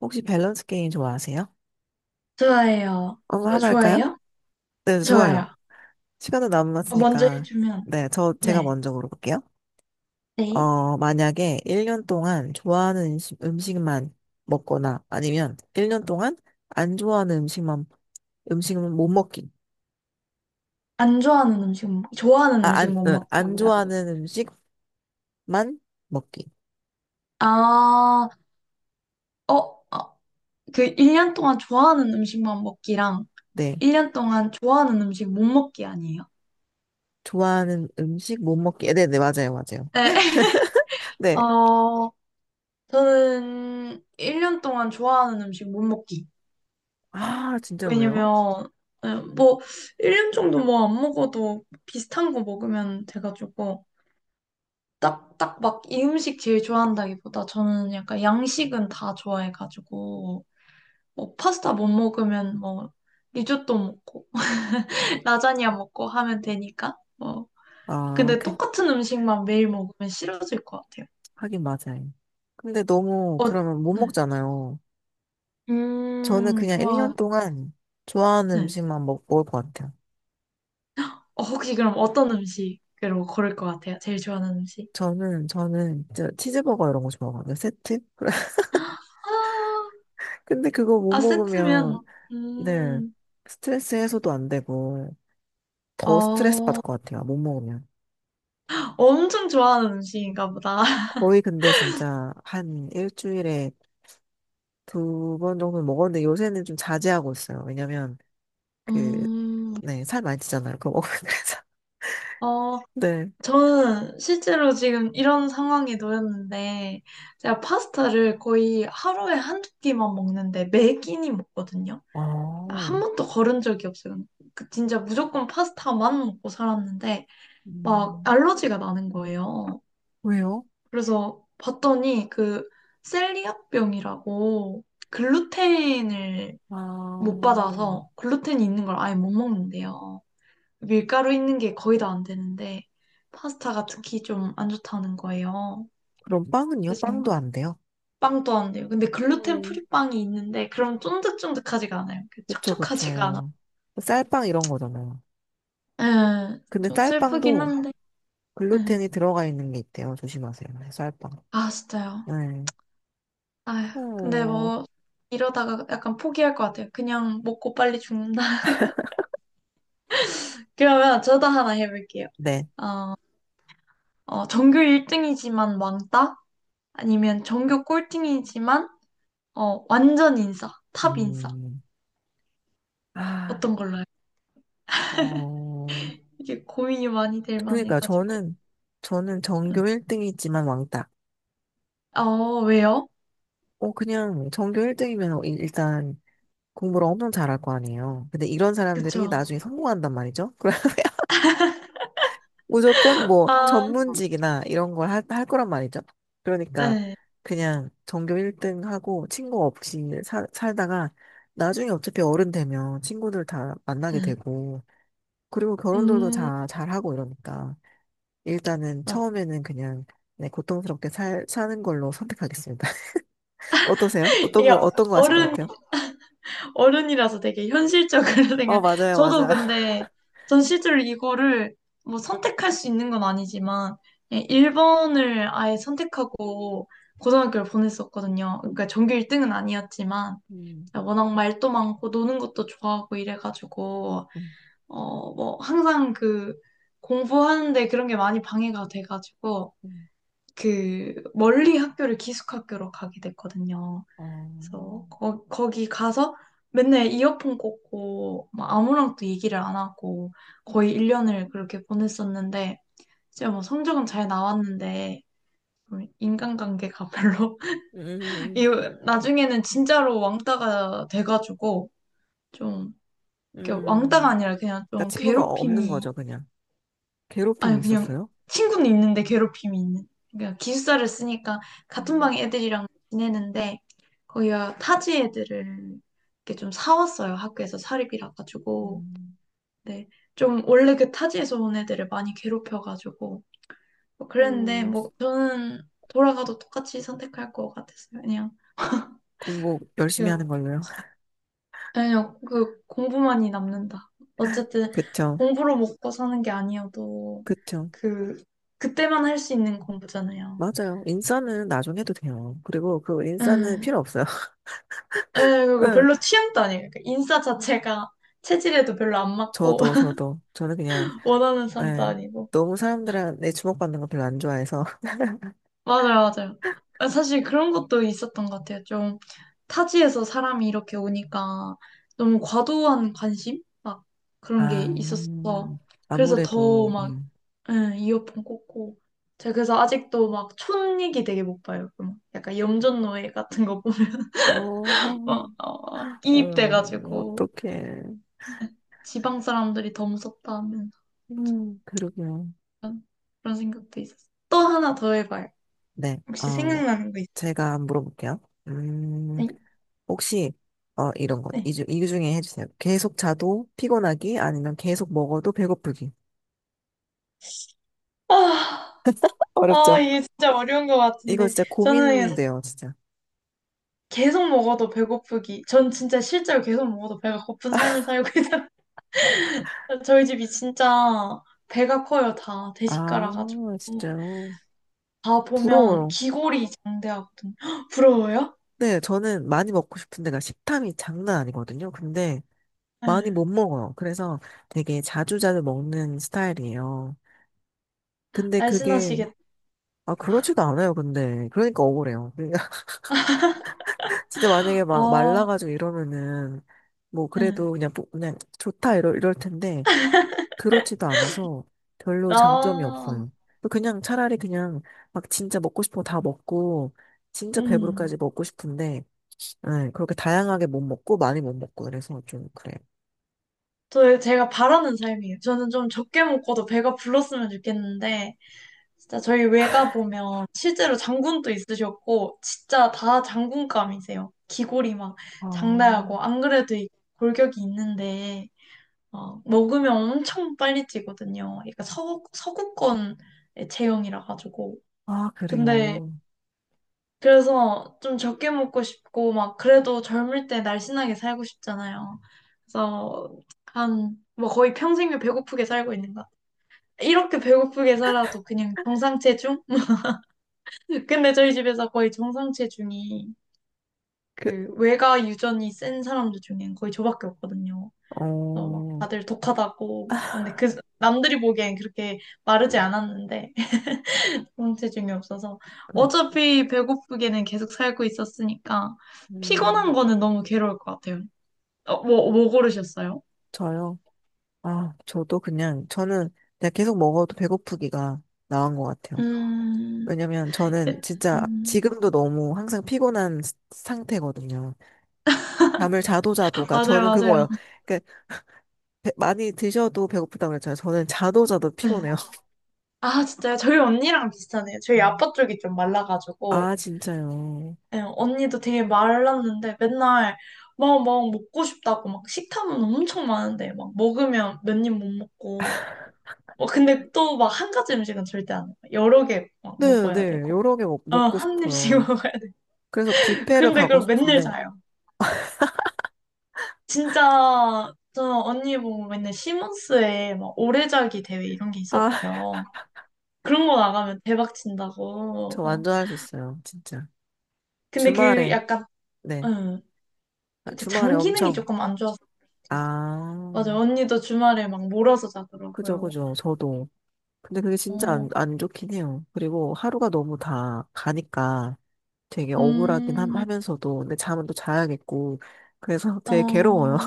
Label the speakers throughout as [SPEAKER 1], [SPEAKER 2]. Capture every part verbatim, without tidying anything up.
[SPEAKER 1] 혹시 밸런스 게임 좋아하세요?
[SPEAKER 2] 좋아해요.
[SPEAKER 1] 한번
[SPEAKER 2] 어,
[SPEAKER 1] 하나 할까요?
[SPEAKER 2] 좋아해요?
[SPEAKER 1] 네, 좋아요.
[SPEAKER 2] 좋아요.
[SPEAKER 1] 시간도
[SPEAKER 2] 어, 먼저
[SPEAKER 1] 남았으니까.
[SPEAKER 2] 해주면,
[SPEAKER 1] 네, 저, 제가
[SPEAKER 2] 네.
[SPEAKER 1] 먼저 물어볼게요.
[SPEAKER 2] 네.
[SPEAKER 1] 어, 만약에 일 년 동안 좋아하는 음식, 음식만 먹거나 아니면 일 년 동안 안 좋아하는 음식만, 음식은 못 먹기.
[SPEAKER 2] 안 좋아하는 음식, 못- 좋아하는
[SPEAKER 1] 아,
[SPEAKER 2] 음식
[SPEAKER 1] 안,
[SPEAKER 2] 못
[SPEAKER 1] 응,
[SPEAKER 2] 먹기.
[SPEAKER 1] 안 좋아하는 음식만 먹기.
[SPEAKER 2] 아, 어, 그 일 년 동안 좋아하는 음식만 먹기랑
[SPEAKER 1] 네.
[SPEAKER 2] 일 년 동안 좋아하는 음식 못 먹기 아니에요?
[SPEAKER 1] 좋아하는 음식 못 먹기. 네네, 맞아요, 맞아요.
[SPEAKER 2] 네.
[SPEAKER 1] 네.
[SPEAKER 2] 어, 저는 일 년 동안 좋아하는 음식 못 먹기.
[SPEAKER 1] 아, 진짜 왜요?
[SPEAKER 2] 왜냐면, 네, 뭐, 일 년 정도 뭐 안 먹어도 비슷한 거 먹으면 돼가지고. 딱, 딱 막 이 음식 제일 좋아한다기보다 저는 약간 양식은 다 좋아해가지고 뭐 파스타 못 먹으면 뭐 리조또 먹고 라자냐 먹고 하면 되니까 뭐
[SPEAKER 1] 아,
[SPEAKER 2] 근데
[SPEAKER 1] 그게
[SPEAKER 2] 똑같은 음식만 매일 먹으면 싫어질 것 같아요.
[SPEAKER 1] 하긴 맞아요. 근데 너무
[SPEAKER 2] 어,
[SPEAKER 1] 그러면 못
[SPEAKER 2] 네.
[SPEAKER 1] 먹잖아요. 저는
[SPEAKER 2] 음,
[SPEAKER 1] 그냥 일 년
[SPEAKER 2] 좋아.
[SPEAKER 1] 동안 좋아하는
[SPEAKER 2] 네.
[SPEAKER 1] 음식만 먹, 먹을 것 같아요.
[SPEAKER 2] 어, 혹시 그럼 어떤 음식으로 고를 것 같아요? 제일 좋아하는 음식?
[SPEAKER 1] 저는, 저는 진짜 치즈버거 이런 거 좋아하거든요. 세트?
[SPEAKER 2] 아,
[SPEAKER 1] 근데 그거 못
[SPEAKER 2] 아, 세트면
[SPEAKER 1] 먹으면, 네,
[SPEAKER 2] 음,
[SPEAKER 1] 스트레스 해소도 안 되고, 더 스트레스
[SPEAKER 2] 어,
[SPEAKER 1] 받을 것 같아요. 못 먹으면.
[SPEAKER 2] 엄청 좋아하는 음식인가 보다.
[SPEAKER 1] 거의 근데 진짜 한 일주일에 두 번 정도 는 먹었는데 요새는 좀 자제하고 있어요. 왜냐면, 그,
[SPEAKER 2] 음,
[SPEAKER 1] 네, 살 많이 찌잖아요. 그거 먹으면. 그래서.
[SPEAKER 2] 어,
[SPEAKER 1] 네.
[SPEAKER 2] 저는 실제로 지금 이런 상황에 놓였는데, 제가 파스타를 거의 하루에 한 두 끼만 먹는데, 매 끼니 먹거든요. 아,
[SPEAKER 1] 아,
[SPEAKER 2] 한 번도 거른 적이 없어요. 그 진짜 무조건 파스타만 먹고 살았는데, 막
[SPEAKER 1] 음.
[SPEAKER 2] 알러지가 나는 거예요.
[SPEAKER 1] 왜요?
[SPEAKER 2] 그래서 봤더니 그 셀리악병이라고 글루텐을 못
[SPEAKER 1] 아,
[SPEAKER 2] 받아서 글루텐이 있는 걸 아예 못 먹는데요. 밀가루 있는 게 거의 다 안 되는데 파스타가 특히 좀 안 좋다는 거예요.
[SPEAKER 1] 그럼 빵은요? 빵도
[SPEAKER 2] 쓰신가?
[SPEAKER 1] 안 돼요?
[SPEAKER 2] 빵도 안 돼요. 근데 글루텐
[SPEAKER 1] 음,
[SPEAKER 2] 프리 빵이 있는데 그럼 쫀득쫀득하지가 않아요. 그
[SPEAKER 1] 그쵸,
[SPEAKER 2] 촉촉하지가
[SPEAKER 1] 그쵸. 쌀빵 이런 거잖아요.
[SPEAKER 2] 않아. 예,
[SPEAKER 1] 근데
[SPEAKER 2] 좀 슬프긴
[SPEAKER 1] 쌀빵도
[SPEAKER 2] 한데. 예.
[SPEAKER 1] 글루텐이 들어가 있는 게 있대요. 조심하세요. 네, 쌀빵.
[SPEAKER 2] 아, 진짜요.
[SPEAKER 1] 네.
[SPEAKER 2] 아휴, 근데
[SPEAKER 1] 어,
[SPEAKER 2] 뭐 이러다가 약간 포기할 것 같아요. 그냥 먹고 빨리 죽는다. 그러면 저도 하나 해볼게요.
[SPEAKER 1] 네.
[SPEAKER 2] 어, 전교 일 등이지만 왕따? 아니면 전교 꼴등이지만 어, 완전 인싸, 탑 인싸.
[SPEAKER 1] 음, 아,
[SPEAKER 2] 어떤 걸로 해요?
[SPEAKER 1] 어,
[SPEAKER 2] 이게 고민이 많이 될
[SPEAKER 1] 그러니까
[SPEAKER 2] 만해가지고.
[SPEAKER 1] 저는, 저는 전교 일 등이지만 왕따.
[SPEAKER 2] 어, 왜요?
[SPEAKER 1] 어, 그냥 전교 일 등이면 일단 공부를 엄청 잘할 거 아니에요. 근데 이런 사람들이
[SPEAKER 2] 그쵸.
[SPEAKER 1] 나중에 성공한단 말이죠. 무조건 뭐
[SPEAKER 2] 아,
[SPEAKER 1] 전문직이나 이런 걸 할, 할 거란 말이죠. 그러니까
[SPEAKER 2] 네.
[SPEAKER 1] 그냥 전교 일 등 하고 친구 없이 살 살다가 나중에 어차피 어른 되면 친구들 다 만나게
[SPEAKER 2] 네.
[SPEAKER 1] 되고 그리고 결혼들도
[SPEAKER 2] 음,
[SPEAKER 1] 다 잘하고 이러니까 일단은
[SPEAKER 2] 맞-
[SPEAKER 1] 처음에는 그냥 네, 고통스럽게 살, 사는 걸로 선택하겠습니다. 어떠세요? 어떤
[SPEAKER 2] 이게
[SPEAKER 1] 거, 어떤 거 하실 것
[SPEAKER 2] 어른,
[SPEAKER 1] 같아요?
[SPEAKER 2] 어른이라서 되게 현실적으로
[SPEAKER 1] 어,
[SPEAKER 2] 생각,
[SPEAKER 1] 맞아요,
[SPEAKER 2] 저도
[SPEAKER 1] 맞아.
[SPEAKER 2] 근데, 전 실제로 이거를 뭐 선택할 수 있는 건 아니지만, 일 번을 아예 선택하고 고등학교를 보냈었거든요. 그러니까 전교 일 등은 아니었지만,
[SPEAKER 1] 음,
[SPEAKER 2] 워낙 말도 많고 노는 것도 좋아하고 이래가지고,
[SPEAKER 1] 음,
[SPEAKER 2] 어, 뭐, 항상 그, 공부하는데 그런 게 많이 방해가 돼가지고,
[SPEAKER 1] 음.
[SPEAKER 2] 그, 멀리 학교를 기숙학교로 가게 됐거든요.
[SPEAKER 1] 어,
[SPEAKER 2] 그래서, 거, 거기 가서 맨날 이어폰 꽂고, 막 아무랑도 얘기를 안 하고, 거의 일 년을 그렇게 보냈었는데, 이제 뭐 성적은 잘 나왔는데, 음, 인간관계가 별로,
[SPEAKER 1] 음,
[SPEAKER 2] 이 나중에는 진짜로 왕따가 돼가지고, 좀, 이렇게 왕따가
[SPEAKER 1] 음.
[SPEAKER 2] 아니라 그냥
[SPEAKER 1] 그러니까
[SPEAKER 2] 좀
[SPEAKER 1] 친구가 없는
[SPEAKER 2] 괴롭힘이
[SPEAKER 1] 거죠, 그냥. 괴롭힘이
[SPEAKER 2] 아니 그냥
[SPEAKER 1] 있었어요?
[SPEAKER 2] 친구는 있는데 괴롭힘이 있는. 그러니까 기숙사를 쓰니까 같은 방
[SPEAKER 1] 음,
[SPEAKER 2] 애들이랑 지내는데 거기가 타지 애들을 이렇게 좀 사왔어요. 학교에서 사립이라 가지고.
[SPEAKER 1] 음.
[SPEAKER 2] 네. 좀 원래 그 타지에서 온 애들을 많이 괴롭혀 가지고 뭐 그랬는데
[SPEAKER 1] 음,
[SPEAKER 2] 뭐 저는 돌아가도 똑같이 선택할 것 같았어요. 그냥
[SPEAKER 1] 공부 열심히
[SPEAKER 2] 그
[SPEAKER 1] 하는 걸로요.
[SPEAKER 2] 그냥 그 공부만이 남는다. 어쨌든
[SPEAKER 1] 그쵸,
[SPEAKER 2] 공부로 먹고 사는 게 아니어도
[SPEAKER 1] 그쵸.
[SPEAKER 2] 그 그때만 할 수 있는 공부잖아요.
[SPEAKER 1] 맞아요. 인싸는 나중에 해도 돼요. 그리고 그
[SPEAKER 2] 에,
[SPEAKER 1] 인싸는 필요 없어요.
[SPEAKER 2] 에, 그거
[SPEAKER 1] 예,
[SPEAKER 2] 별로 취향도 아니에요. 그러니까 인싸 자체가 체질에도 별로 안 맞고,
[SPEAKER 1] 저도, 저도. 저는 그냥,
[SPEAKER 2] 원하는 사람도
[SPEAKER 1] 예,
[SPEAKER 2] 아니고.
[SPEAKER 1] 너무 사람들한테 주목받는 거 별로 안 좋아해서.
[SPEAKER 2] 맞아요, 맞아요. 아, 사실 그런 것도 있었던 것 같아요. 좀 타지에서 사람이 이렇게 오니까 너무 과도한 관심? 막 그런 게
[SPEAKER 1] 아,
[SPEAKER 2] 있었어. 그래서 더
[SPEAKER 1] 아무래도,
[SPEAKER 2] 막,
[SPEAKER 1] 음.
[SPEAKER 2] 응 이어폰 꽂고. 제가 그래서 아직도 막 촌얘기 되게 못 봐요. 그럼 약간 염전노예 같은 거 보면
[SPEAKER 1] 어,
[SPEAKER 2] 막, 어, 어,
[SPEAKER 1] 음,
[SPEAKER 2] 이입돼가지고
[SPEAKER 1] 어떡해.
[SPEAKER 2] 지방 사람들이 더 무섭다.
[SPEAKER 1] 음, 그러게요.
[SPEAKER 2] 그런 그런 생각도 있었어. 또 하나 더 해봐요.
[SPEAKER 1] 네,
[SPEAKER 2] 혹시
[SPEAKER 1] 어,
[SPEAKER 2] 생각나는 거 있어요?
[SPEAKER 1] 제가 물어볼게요. 음,
[SPEAKER 2] 네.
[SPEAKER 1] 혹시 어 이런 것
[SPEAKER 2] 네.
[SPEAKER 1] 이, 중- 이 중에 해주세요. 계속 자도 피곤하기 아니면 계속 먹어도 배고프기.
[SPEAKER 2] 아, 아,
[SPEAKER 1] 어렵죠?
[SPEAKER 2] 이게 진짜 어려운 것
[SPEAKER 1] 이거
[SPEAKER 2] 같은데.
[SPEAKER 1] 진짜
[SPEAKER 2] 저는
[SPEAKER 1] 고민돼요, 진짜.
[SPEAKER 2] 계속 먹어도 배고프기. 전 진짜 실제로 계속 먹어도 배가 고픈 삶을 살고 있어요. 저희 집이 진짜 배가 커요, 다.
[SPEAKER 1] 아,
[SPEAKER 2] 대식가라가지고.
[SPEAKER 1] 진짜
[SPEAKER 2] 다 보면
[SPEAKER 1] 부러워요.
[SPEAKER 2] 기골이 장대하거든요. 부러워요?
[SPEAKER 1] 네, 저는 많이 먹고 싶은데가 식탐이 장난 아니거든요. 근데 많이 못
[SPEAKER 2] 네.
[SPEAKER 1] 먹어요. 그래서 되게 자주자주 먹는 스타일이에요. 근데 그게
[SPEAKER 2] 날씬하시겠다.
[SPEAKER 1] 아 그렇지도 않아요. 근데 그러니까 억울해요. 그러니까 진짜 만약에 막
[SPEAKER 2] 아,
[SPEAKER 1] 말라가지고 이러면은 뭐
[SPEAKER 2] 네.
[SPEAKER 1] 그래도 그냥 부- 그냥 좋다 이럴 이럴 텐데. 그렇지도 않아서 별로 음. 장점이
[SPEAKER 2] 나,
[SPEAKER 1] 없어요. 그냥 차라리 그냥 막 진짜 먹고 싶은 거 다 먹고 진짜 배부르까지
[SPEAKER 2] 음.
[SPEAKER 1] 먹고 싶은데 네, 그렇게 다양하게 못 먹고 많이 못 먹고 그래서 좀 그래요.
[SPEAKER 2] 저, 제가 바라는 삶이에요. 저는 좀 적게 먹고도 배가 불렀으면 좋겠는데, 진짜 저희 외가 보면 실제로 장군도 있으셨고, 진짜 다 장군감이세요. 기골이 막
[SPEAKER 1] 아,
[SPEAKER 2] 장대하고, 안 그래도 이 골격이 있는데, 어, 먹으면 엄청 빨리 찌거든요. 그러니까 서구, 서구권의 체형이라 가지고.
[SPEAKER 1] 아,
[SPEAKER 2] 근데
[SPEAKER 1] 그래요.
[SPEAKER 2] 그래서 좀 적게 먹고 싶고, 막, 그래도 젊을 때 날씬하게 살고 싶잖아요. 그래서, 한, 뭐 거의 평생을 배고프게 살고 있는 것 같아요. 이렇게 배고프게 살아도 그냥 정상 체중? 근데 저희 집에서 거의 정상 체중이
[SPEAKER 1] 그,
[SPEAKER 2] 그 외가 유전이 센 사람들 중엔 거의 저밖에 없거든요. 그래서 막
[SPEAKER 1] 어,
[SPEAKER 2] 다들 독하다고. 근데 그, 남들이 보기엔 그렇게 마르지 않았는데, 공체중이 없어서
[SPEAKER 1] 그렇,
[SPEAKER 2] 어차피 배고프게는 계속 살고 있었으니까 피곤한
[SPEAKER 1] 음,
[SPEAKER 2] 거는 너무 괴로울 것 같아요. 어, 뭐, 뭐 고르셨어요?
[SPEAKER 1] 저요. 아, 저도 그냥 저는 그냥 계속 먹어도 배고프기가 나은 것 같아요.
[SPEAKER 2] 음,
[SPEAKER 1] 왜냐면
[SPEAKER 2] 에,
[SPEAKER 1] 저는 진짜
[SPEAKER 2] 음,
[SPEAKER 1] 지금도 너무 항상 피곤한 스- 상태거든요. 잠을 자도 자도가
[SPEAKER 2] 맞아요,
[SPEAKER 1] 저는
[SPEAKER 2] 맞아요.
[SPEAKER 1] 그거예요. 그러니까 배- 많이 드셔도 배고프다고 그랬잖아요. 저는 자도 자도
[SPEAKER 2] 네.
[SPEAKER 1] 피곤해요. 음.
[SPEAKER 2] 아, 진짜요? 저희 언니랑 비슷하네요. 저희 아빠 쪽이 좀 말라가지고,
[SPEAKER 1] 아, 진짜요?
[SPEAKER 2] 예, 언니도 되게 말랐는데 맨날 막, 막 먹고 싶다고 막 식탐은 엄청 많은데 막 먹으면 몇 입 못 먹고, 뭐 근데 또 막 한 가지 음식은 절대 안 해요. 여러 개 막
[SPEAKER 1] 네,
[SPEAKER 2] 먹어야
[SPEAKER 1] 네.
[SPEAKER 2] 되고.
[SPEAKER 1] 여러 개 먹,
[SPEAKER 2] 어,
[SPEAKER 1] 먹고
[SPEAKER 2] 한 입씩
[SPEAKER 1] 싶어요.
[SPEAKER 2] 먹어야 돼.
[SPEAKER 1] 그래서 뷔페를
[SPEAKER 2] 근데
[SPEAKER 1] 가고
[SPEAKER 2] 그걸 맨날
[SPEAKER 1] 싶은데,
[SPEAKER 2] 자요. 진짜 저 언니 보고 맨날 시몬스에 막 오래자기 대회 이런 게
[SPEAKER 1] 아,
[SPEAKER 2] 있었대요. 그런 거 나가면 대박 친다고.
[SPEAKER 1] 저
[SPEAKER 2] 어.
[SPEAKER 1] 완전 할 수 있어요. 진짜.
[SPEAKER 2] 근데 그
[SPEAKER 1] 주말에,
[SPEAKER 2] 약간
[SPEAKER 1] 네.
[SPEAKER 2] 응,
[SPEAKER 1] 아, 주말에
[SPEAKER 2] 그장 기능이
[SPEAKER 1] 엄청,
[SPEAKER 2] 조금 안 좋아서 그럴 수도 있어요. 맞아요.
[SPEAKER 1] 아,
[SPEAKER 2] 언니도 주말에 막 몰아서
[SPEAKER 1] 그죠,
[SPEAKER 2] 자더라고요.
[SPEAKER 1] 그죠. 저도. 근데 그게 진짜
[SPEAKER 2] 어,
[SPEAKER 1] 안, 안 좋긴 해요. 그리고 하루가 너무 다 가니까 되게 억울하긴 하,
[SPEAKER 2] 음,
[SPEAKER 1] 면서도 근데 잠은 또 자야겠고, 그래서 되게 괴로워요.
[SPEAKER 2] 어,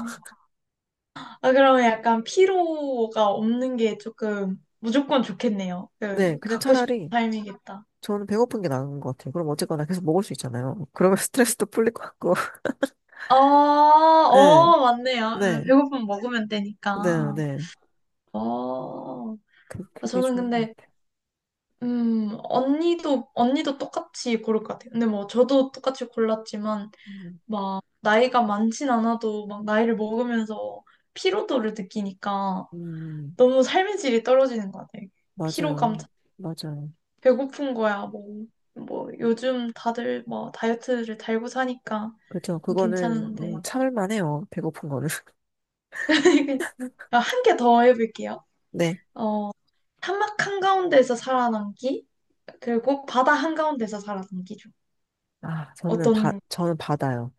[SPEAKER 2] 아, 그러면 약간 피로가 없는 게 조금 무조건 좋겠네요.
[SPEAKER 1] 네,
[SPEAKER 2] 그,
[SPEAKER 1] 그냥
[SPEAKER 2] 갖고 싶은
[SPEAKER 1] 차라리
[SPEAKER 2] 삶이겠다.
[SPEAKER 1] 저는 배고픈 게 나은 것 같아요. 그럼 어쨌거나 계속 먹을 수 있잖아요. 그러면 스트레스도 풀릴 것 같고.
[SPEAKER 2] 어,
[SPEAKER 1] 네,
[SPEAKER 2] 어, 맞네요.
[SPEAKER 1] 네,
[SPEAKER 2] 예, 배고프면 먹으면 되니까.
[SPEAKER 1] 네, 네.
[SPEAKER 2] 어,
[SPEAKER 1] 그,
[SPEAKER 2] 그러니까
[SPEAKER 1] 그게
[SPEAKER 2] 저는
[SPEAKER 1] 좋은 것
[SPEAKER 2] 근데,
[SPEAKER 1] 같아요.
[SPEAKER 2] 음, 언니도, 언니도 똑같이 고를 것 같아요. 근데 뭐, 저도 똑같이 골랐지만,
[SPEAKER 1] 음,
[SPEAKER 2] 막, 나이가 많진 않아도, 막, 나이를 먹으면서 피로도를 느끼니까,
[SPEAKER 1] 음,
[SPEAKER 2] 너무 삶의 질이 떨어지는 것 같아요. 피로감,
[SPEAKER 1] 맞아요. 맞아요.
[SPEAKER 2] 배고픈 거야, 뭐. 뭐, 요즘 다들 뭐, 다이어트를 달고 사니까
[SPEAKER 1] 그렇죠. 그거는
[SPEAKER 2] 괜찮은데.
[SPEAKER 1] 음, 참을 만해요. 배고픈 거는.
[SPEAKER 2] 한 개 더 해볼게요.
[SPEAKER 1] 네.
[SPEAKER 2] 어, 사막 한가운데에서 살아남기, 그리고 바다 한가운데서 살아남기죠.
[SPEAKER 1] 아, 저는 바,
[SPEAKER 2] 어떤
[SPEAKER 1] 저는 바다요.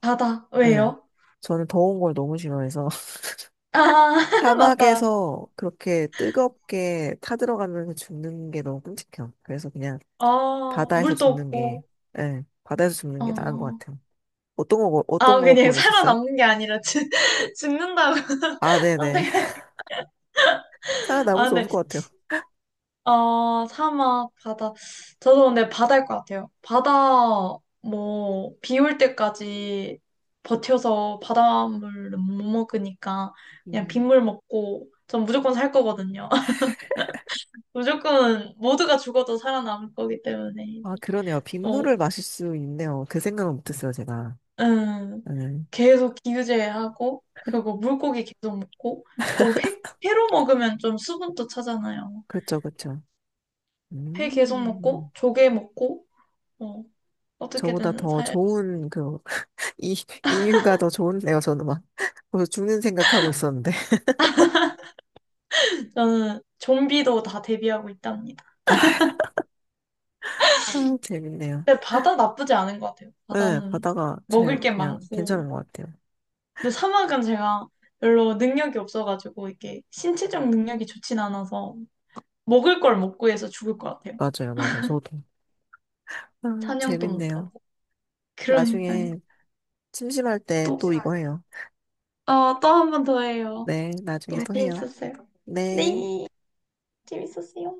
[SPEAKER 2] 바다?
[SPEAKER 1] 네.
[SPEAKER 2] 왜요?
[SPEAKER 1] 저는 더운 걸 너무 싫어해서
[SPEAKER 2] 아, 맞다.
[SPEAKER 1] 사막에서 그렇게 뜨겁게 타들어가면서 죽는 게 너무 끔찍해요. 그래서 그냥
[SPEAKER 2] 아,
[SPEAKER 1] 바다에서
[SPEAKER 2] 물도
[SPEAKER 1] 죽는 게,
[SPEAKER 2] 없고.
[SPEAKER 1] 예, 바다에서 죽는 게 나은 것
[SPEAKER 2] 어.
[SPEAKER 1] 같아요. 어떤 거,
[SPEAKER 2] 아,
[SPEAKER 1] 어떤 거
[SPEAKER 2] 그냥
[SPEAKER 1] 고르셨어요?
[SPEAKER 2] 살아남는 게 아니라 죽, 죽는다고
[SPEAKER 1] 아, 네네.
[SPEAKER 2] 선택하시. 아,
[SPEAKER 1] 살아남을 수
[SPEAKER 2] 근데
[SPEAKER 1] 없을 것 같아요.
[SPEAKER 2] 어, 사막, 바다. 저도 근데 바다일 것 같아요. 바다 뭐 비 올 때까지 버텨서 바닷물은 못 먹으니까 그냥
[SPEAKER 1] 음.
[SPEAKER 2] 빗물 먹고 전 무조건 살 거거든요. 무조건 모두가 죽어도 살아남을 거기 때문에 이제
[SPEAKER 1] 아, 그러네요.
[SPEAKER 2] 어,
[SPEAKER 1] 빗물을 마실 수 있네요. 그 생각은 못했어요, 제가.
[SPEAKER 2] 음,
[SPEAKER 1] 네.
[SPEAKER 2] 계속 기우제하고 그리고 물고기 계속 먹고 또 회, 회로 먹으면 좀 수분도 차잖아요.
[SPEAKER 1] 그렇죠, 그렇죠.
[SPEAKER 2] 회 계속 먹고
[SPEAKER 1] 음.
[SPEAKER 2] 조개 먹고 어,
[SPEAKER 1] 저보다
[SPEAKER 2] 어떻게든
[SPEAKER 1] 더
[SPEAKER 2] 살
[SPEAKER 1] 좋은, 그, 이, 이유가 더 좋은데요, 저는 막. 벌써 죽는 생각하고 있었는데.
[SPEAKER 2] 저는 좀비도 다 대비하고 있답니다.
[SPEAKER 1] 아, 아, 재밌네요.
[SPEAKER 2] 근데 바다 나쁘지 않은 것 같아요.
[SPEAKER 1] 네,
[SPEAKER 2] 바다는
[SPEAKER 1] 바다가
[SPEAKER 2] 먹을
[SPEAKER 1] 제일
[SPEAKER 2] 게
[SPEAKER 1] 그냥
[SPEAKER 2] 많고
[SPEAKER 1] 괜찮은 것 같아요.
[SPEAKER 2] 근데 사막은 제가 별로 능력이 없어가지고 이게 신체적 능력이 좋진 않아서 먹을 걸 못 구해서 죽을 것 같아요.
[SPEAKER 1] 맞아요, 맞아요. 저도. 아,
[SPEAKER 2] 사냥도 못
[SPEAKER 1] 재밌네요.
[SPEAKER 2] 하고. 그러니까요.
[SPEAKER 1] 나중에 심심할 때
[SPEAKER 2] 또,
[SPEAKER 1] 또 이거 해요.
[SPEAKER 2] 어, 또 한 번 더 해요.
[SPEAKER 1] 네, 나중에
[SPEAKER 2] 또
[SPEAKER 1] 또 해요.
[SPEAKER 2] 재밌었어요.
[SPEAKER 1] 네.
[SPEAKER 2] 네, 재밌었어요.